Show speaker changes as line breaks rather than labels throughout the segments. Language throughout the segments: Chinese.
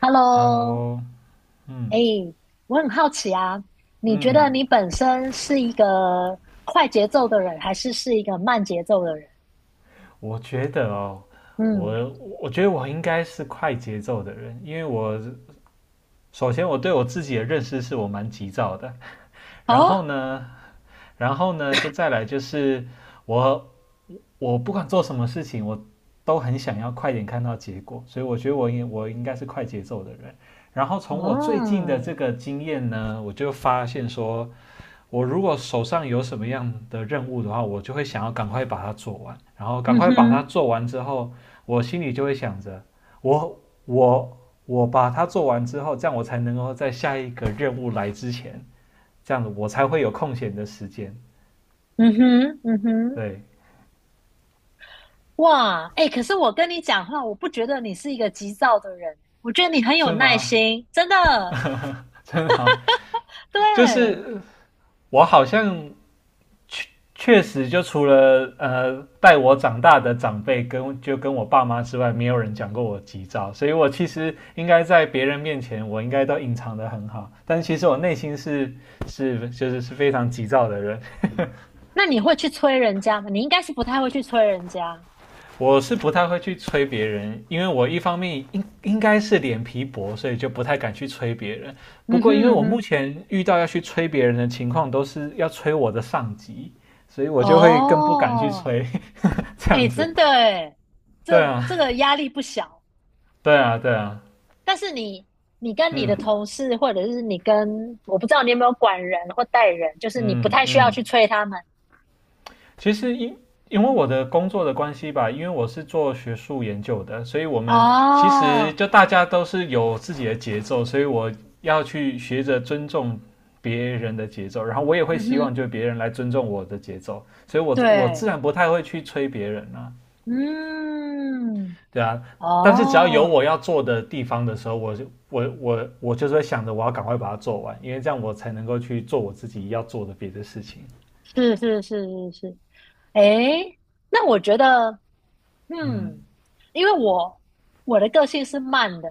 Hello，
Hello，嗯
哎，我很好奇啊，你觉得
嗯，
你本身是一个快节奏的人，还是一个慢节奏的人？
我觉得哦，
嗯，
我我觉得我应该是快节奏的人，因为我首先我对我自己的认识是我蛮急躁的，然后
哦，
呢，然后呢，就再来就是我我不管做什么事情，我都很想要快点看到结果，所以我觉得我应该是快节奏的人。然后从我最近的这
哦，
个经验呢，我就发现说，我如果手上有什么样的任务的话，我就会想要赶快把它做完，然后赶
嗯
快把它
哼，
做完之后，我心里就会想着，我我我把它做完之后，这样我才能够在下一个任务来之前，这样子我才会有空闲的时间，
嗯哼，嗯哼，
对，
哇，哎，可是我跟你讲话，我不觉得你是一个急躁的人，我觉得你很有
是
耐
吗？
心，真的。
真的好，就
对，
是我好像确实，就除了带我长大的长辈跟我爸妈之外，没有人讲过我急躁，所以我其实应该在别人面前，我应该都隐藏的很好，但其实我内心是就是非常急躁的人，
那你会去催人家吗？你应该是不太会去催人家。
我是不太会去催别人，因为我一方面应该是脸皮薄，所以就不太敢去催别人。不
嗯
过因为
哼嗯
我目
哼，
前遇到要去催别人的情况，都是要催我的上级，所以我就会更不敢去
哦
催这样
哎，
子。
真的哎，
对
这这
啊，
个压力不小。
对啊，对啊，
但是你，跟你的
嗯
同事，或者是你跟，我不知道你有没有管人或带人，就是你不
嗯
太需要
嗯，
去催他们。
其实因为我的工作的关系吧，因为我是做学术研究的，所以我们其实
哦，
就大家都是有自己的节奏，所以我要去学着尊重别人的节奏，然后我也
嗯
会希望
哼，
就别人来尊重我的节奏，所以我自
对，
然不太会去催别人啊，
嗯，
对啊，但是只要有
哦，
我要做的地方的时候，我就是会想着我要赶快把它做完，因为这样我才能够去做我自己要做的别的事情，
是是是是是，诶，那我觉得，
嗯。
嗯，因为我的个性是慢的，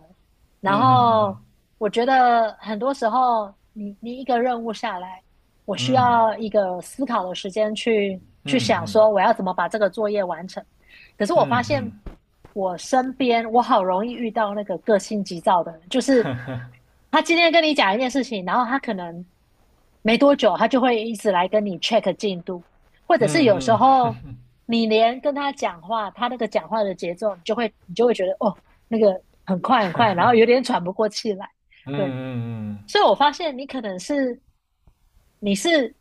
然
嗯哼嗯
后
哼
我觉得很多时候你一个任务下来，我需
嗯
要一个思考的时间去
嗯
想
嗯
说我要怎么把这个作业完成。可是我发
嗯嗯
现我身边我好容易遇到那个个性急躁的人，就是他今天跟你讲一件事情，然后他可能没多久他就会一直来跟你 check 进度。或者是有时
嗯
候你连跟他讲话，他那个讲话的节奏，你就会觉得哦，那个很快很快，然后有点喘不过气来。
嗯
对，
嗯嗯，
所以我发现你是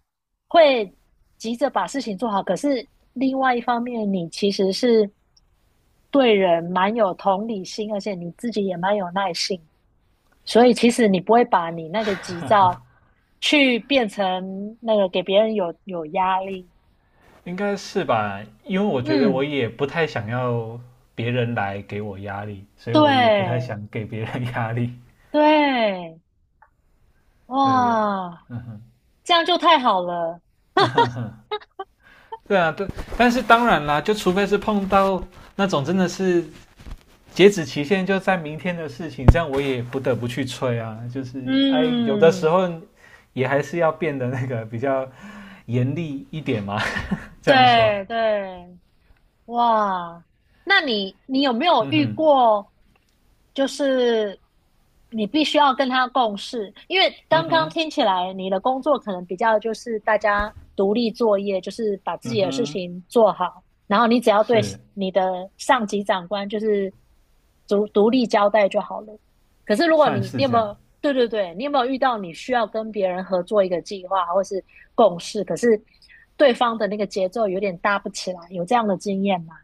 会急着把事情做好，可是另外一方面，你其实是对人蛮有同理心，而且你自己也蛮有耐性，所以其实你不会把你那个急躁去变成那个给别人有压力。
应该是吧？因为我觉得我
嗯，
也不太想要别人来给我压力，所以我也不太
对，
想给别人压力。
对，
对对，对
哇，
嗯哼。
这样就太好了。
嗯哼哼，对啊，对，但是当然啦，就除非是碰到那种真的是截止期限就在明天的事情，这样我也不得不去催啊。就是哎，有的时
嗯，
候也还是要变得那个比较严厉一点嘛。这样说，
对对，哇，那你有没有
嗯
遇
哼，
过，就是你必须要跟他共事？因为
嗯
刚刚
哼，
听起来你的工作可能比较就是大家独立作业，就是把自
嗯
己的事
哼，
情做好，然后你只要对
是，
你的上级长官就是独立交代就好了。可是如果
算
你你
是
有
这
没
样。
有对对对，你有没有遇到你需要跟别人合作一个计划或是共事，可是对方的那个节奏有点搭不起来，有这样的经验吗？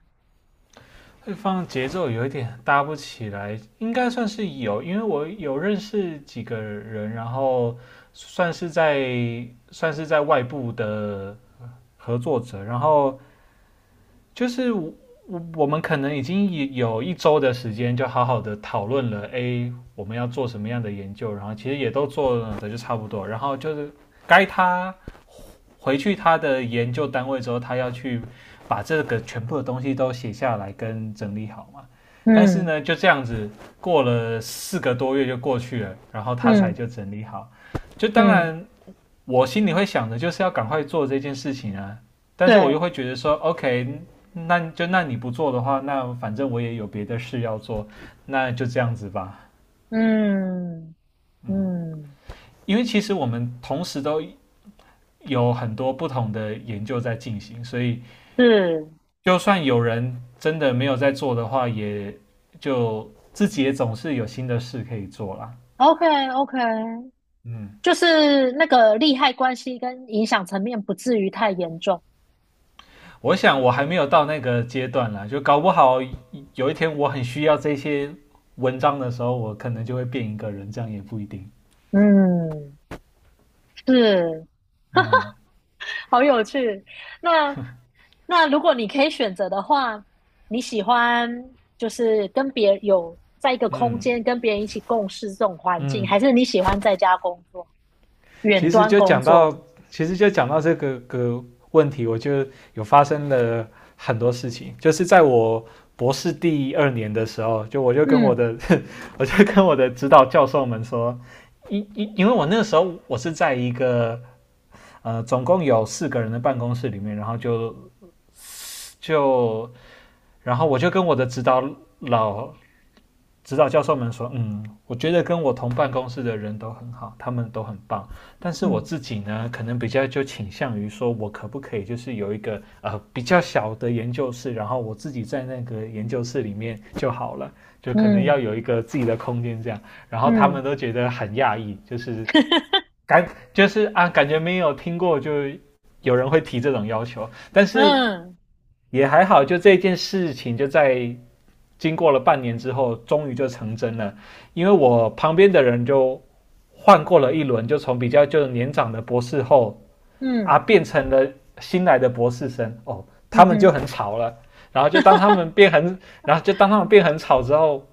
对方节奏有一点搭不起来，应该算是有，因为我有认识几个人，然后算是在外部的合作者，然后就是我们可能已经有1周的时间，就好好的讨论了 A 我们要做什么样的研究，然后其实也都做的就差不多，然后就是该他回去他的研究单位之后，他要去把这个全部的东西都写下来跟整理好嘛。但是
嗯
呢，就这样子过了4个多月就过去了，然后他才
嗯
就整理好。就当
嗯，
然我心里会想的就是要赶快做这件事情啊，但是我
对，
又会觉得说，OK，那就那你不做的话，那反正我也有别的事要做，那就这样子吧。
嗯
嗯，
嗯，
因为其实我们同时都有很多不同的研究在进行，所以
是
就算有人真的没有在做的话，也就自己也总是有新的事可以做啦。
，OK OK，
嗯，
就是那个利害关系跟影响层面不至于太严重。
我想我还没有到那个阶段啦，就搞不好有一天我很需要这些文章的时候，我可能就会变一个人，这样也不一定。
嗯，是，
嗯
好有趣。那那如果你可以选择的话，你喜欢就是跟别人有在一个空
嗯
间跟别人一起共事这种环境，
嗯，
还是你喜欢在家工作、远
其实
端
就
工
讲到，
作？
其实就讲到这个问题，我就有发生了很多事情，就是在我博士第2年的时候，我就跟我
嗯
的 我就跟我的指导教授们说，因为我那个时候我是在一个总共有4个人的办公室里面，然后就就然后我就跟我的老指导教授们说，嗯，我觉得跟我同办公室的人都很好，他们都很棒，但是我
嗯
自己呢，可能比较就倾向于说，我可不可以就是有一个比较小的研究室，然后我自己在那个研究室里面就好了，就可能要
嗯
有一个自己的空间这样，然后他
嗯
们都觉得很讶异，就是 感就是啊，感觉没有听过就有人会提这种要求，但是
嗯
也还好，就这件事情就在经过了半年之后，终于就成真了。因为我旁边的人就换过了一轮，就从比较就是年长的博士后啊，
嗯
变成了新来的博士生哦，他
嗯
们就
哼
很吵了。然后就当他 们变很，然后就当他们变很吵之后，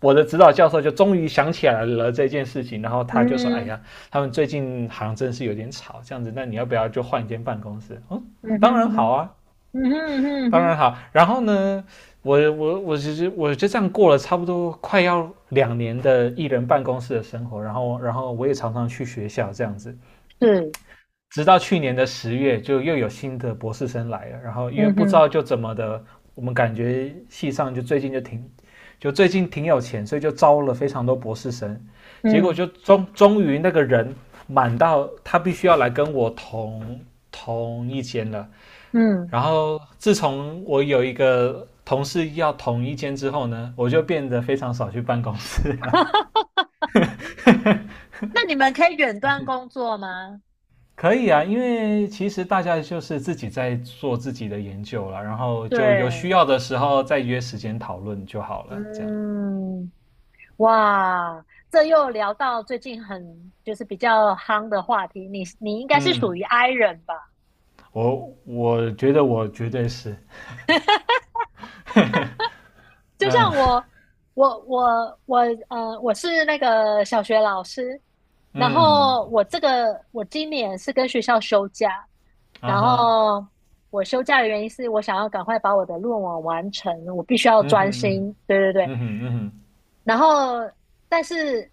我的指导教授就终于想起来了这件事情，然后他就说：“哎
嗯
呀，他们最近好像真是有点吵，这样子，那你要不要就换一间办公室？”嗯，
嗯
当然
哼嗯
好
哼
啊，
嗯哼嗯
当然
哼
好。然后呢，我其实我就这样过了差不多快要2年的艺人办公室的生活，然后我也常常去学校这样子，
是
直到去年的10月，就又有新的博士生来了，然后因为
嗯
不知
哼
道就怎么的，我们感觉系上就最近挺有钱，所以就招了非常多博士生，结果
嗯
就终于那个人满到他必须要来跟我同一间了，
嗯。
然后自从我有一个同事要同一间之后呢，我就变得非常少去办公室了。
那你们可以远端工作吗？
可以啊，因为其实大家就是自己在做自己的研究了，然后就有需
对，
要的时候再约时间讨论就好了。这样，
嗯，哇，这又聊到最近就是比较夯的话题，你应该是属
嗯，
于 I 人吧？
我我觉得我绝对是，
就像
嗯
我，我我我我是那个小学老师，然
嗯
后我这个我今年是跟学校休假，
啊
然
哈，
后我休假的原因是我想要赶快把我的论文完成，我必须要
嗯哼
专
嗯哼
心。对对对，
嗯哼嗯哼
然后但是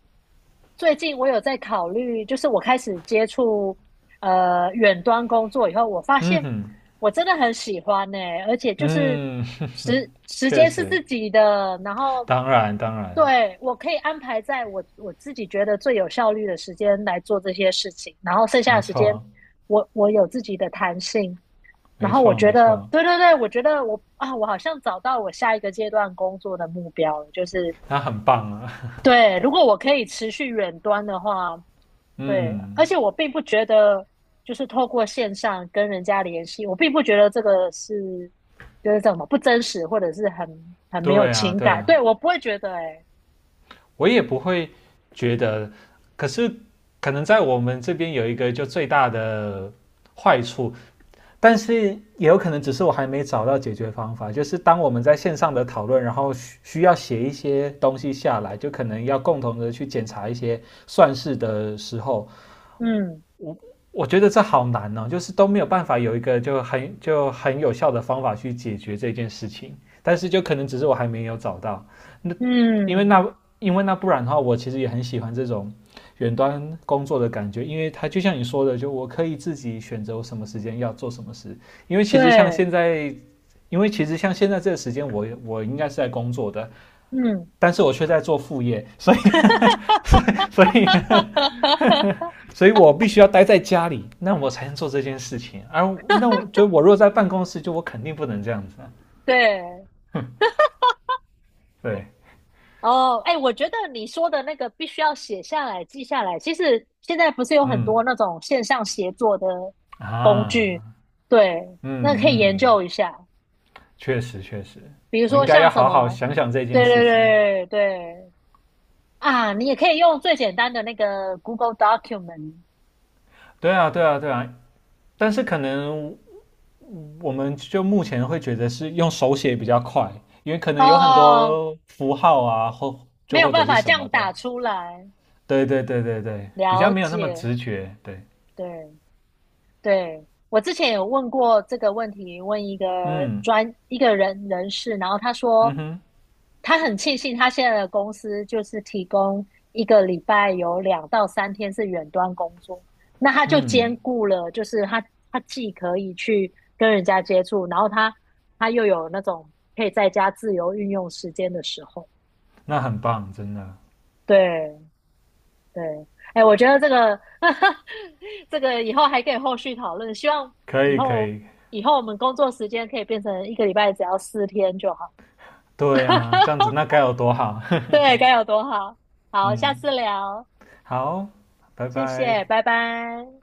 最近我有在考虑，就是我开始接触远端工作以后，我发
嗯
现。
哼
我真的很喜欢呢、而且就是
嗯
时 时
确
间是
实，
自己的，然后
当然当然，
对我可以安排在我自己觉得最有效率的时间来做这些事情，然后剩下
没
的时间
错
我有自己的弹性，然
没
后我
错
觉
没
得
错，
对对对，我觉得我啊，我好像找到我下一个阶段工作的目标了，就是
他很棒啊。
对，如果我可以持续远端的话，对，而
嗯，
且我并不觉得，就是透过线上跟人家联系，我并不觉得这个是就是怎么不真实，或者是很没有
对啊，
情
对
感。
啊，
对，我不会觉得、欸，哎，
我也不会觉得。可是，可能在我们这边有一个就最大的坏处，但是也有可能只是我还没找到解决方法。就是当我们在线上的讨论，然后需要写一些东西下来，就可能要共同的去检查一些算式的时候，
嗯
我觉得这好难哦，就是都没有办法有一个就很就很有效的方法去解决这件事情。但是就可能只是我还没有找到。那因为
嗯，
那因为那不然的话，我其实也很喜欢这种远端工作的感觉，因为它就像你说的，就我可以自己选择我什么时间要做什么事。因为其实像
对，
现在，这个时间我，我应该是在工作的，
嗯，
但是我却在做副业，所以 所以 所以我必须要待在家里，那我才能做这件事情。而那我若在办公室，就我肯定不能这样子啊
对，
对，
哦，哎，我觉得你说的那个必须要写下来、记下来。其实现在不是有很
嗯
多那种线上协作的工具，
啊，
对，
嗯
那可以研
嗯。
究一下。
确实确实，
比如
我应
说
该
像
要
什
好好
么，
想想这
对
件事
对
情。
对对啊，你也可以用最简单的那个 Google Document
对啊对啊对啊，但是可能我们就目前会觉得是用手写比较快，因为可能有很
哦，
多符号啊，或
没
就
有
或者
办
是
法这
什
样
么的。
打出来，
对对对对对，比较
了
没有那么
解，
直觉。对，
对，对，我之前有问过这个问题，问
嗯
一个士，然后他说
嗯哼
他很庆幸他现在的公司就是提供一个礼拜有2到3天是远端工作，那他就
嗯，
兼顾了，就是他既可以去跟人家接触，然后他又有那种可以在家自由运用时间的时候，
那很棒，真的
对。对，哎，我觉得这个 这个以后还可以后续讨论。希望
可
以
以可
后
以。
以后我们工作时间可以变成一个礼拜只要4天就好。
对啊，这样子 那该有多好。
对，该有多好！好，下
嗯，
次聊，
好，拜
谢
拜。
谢，拜拜。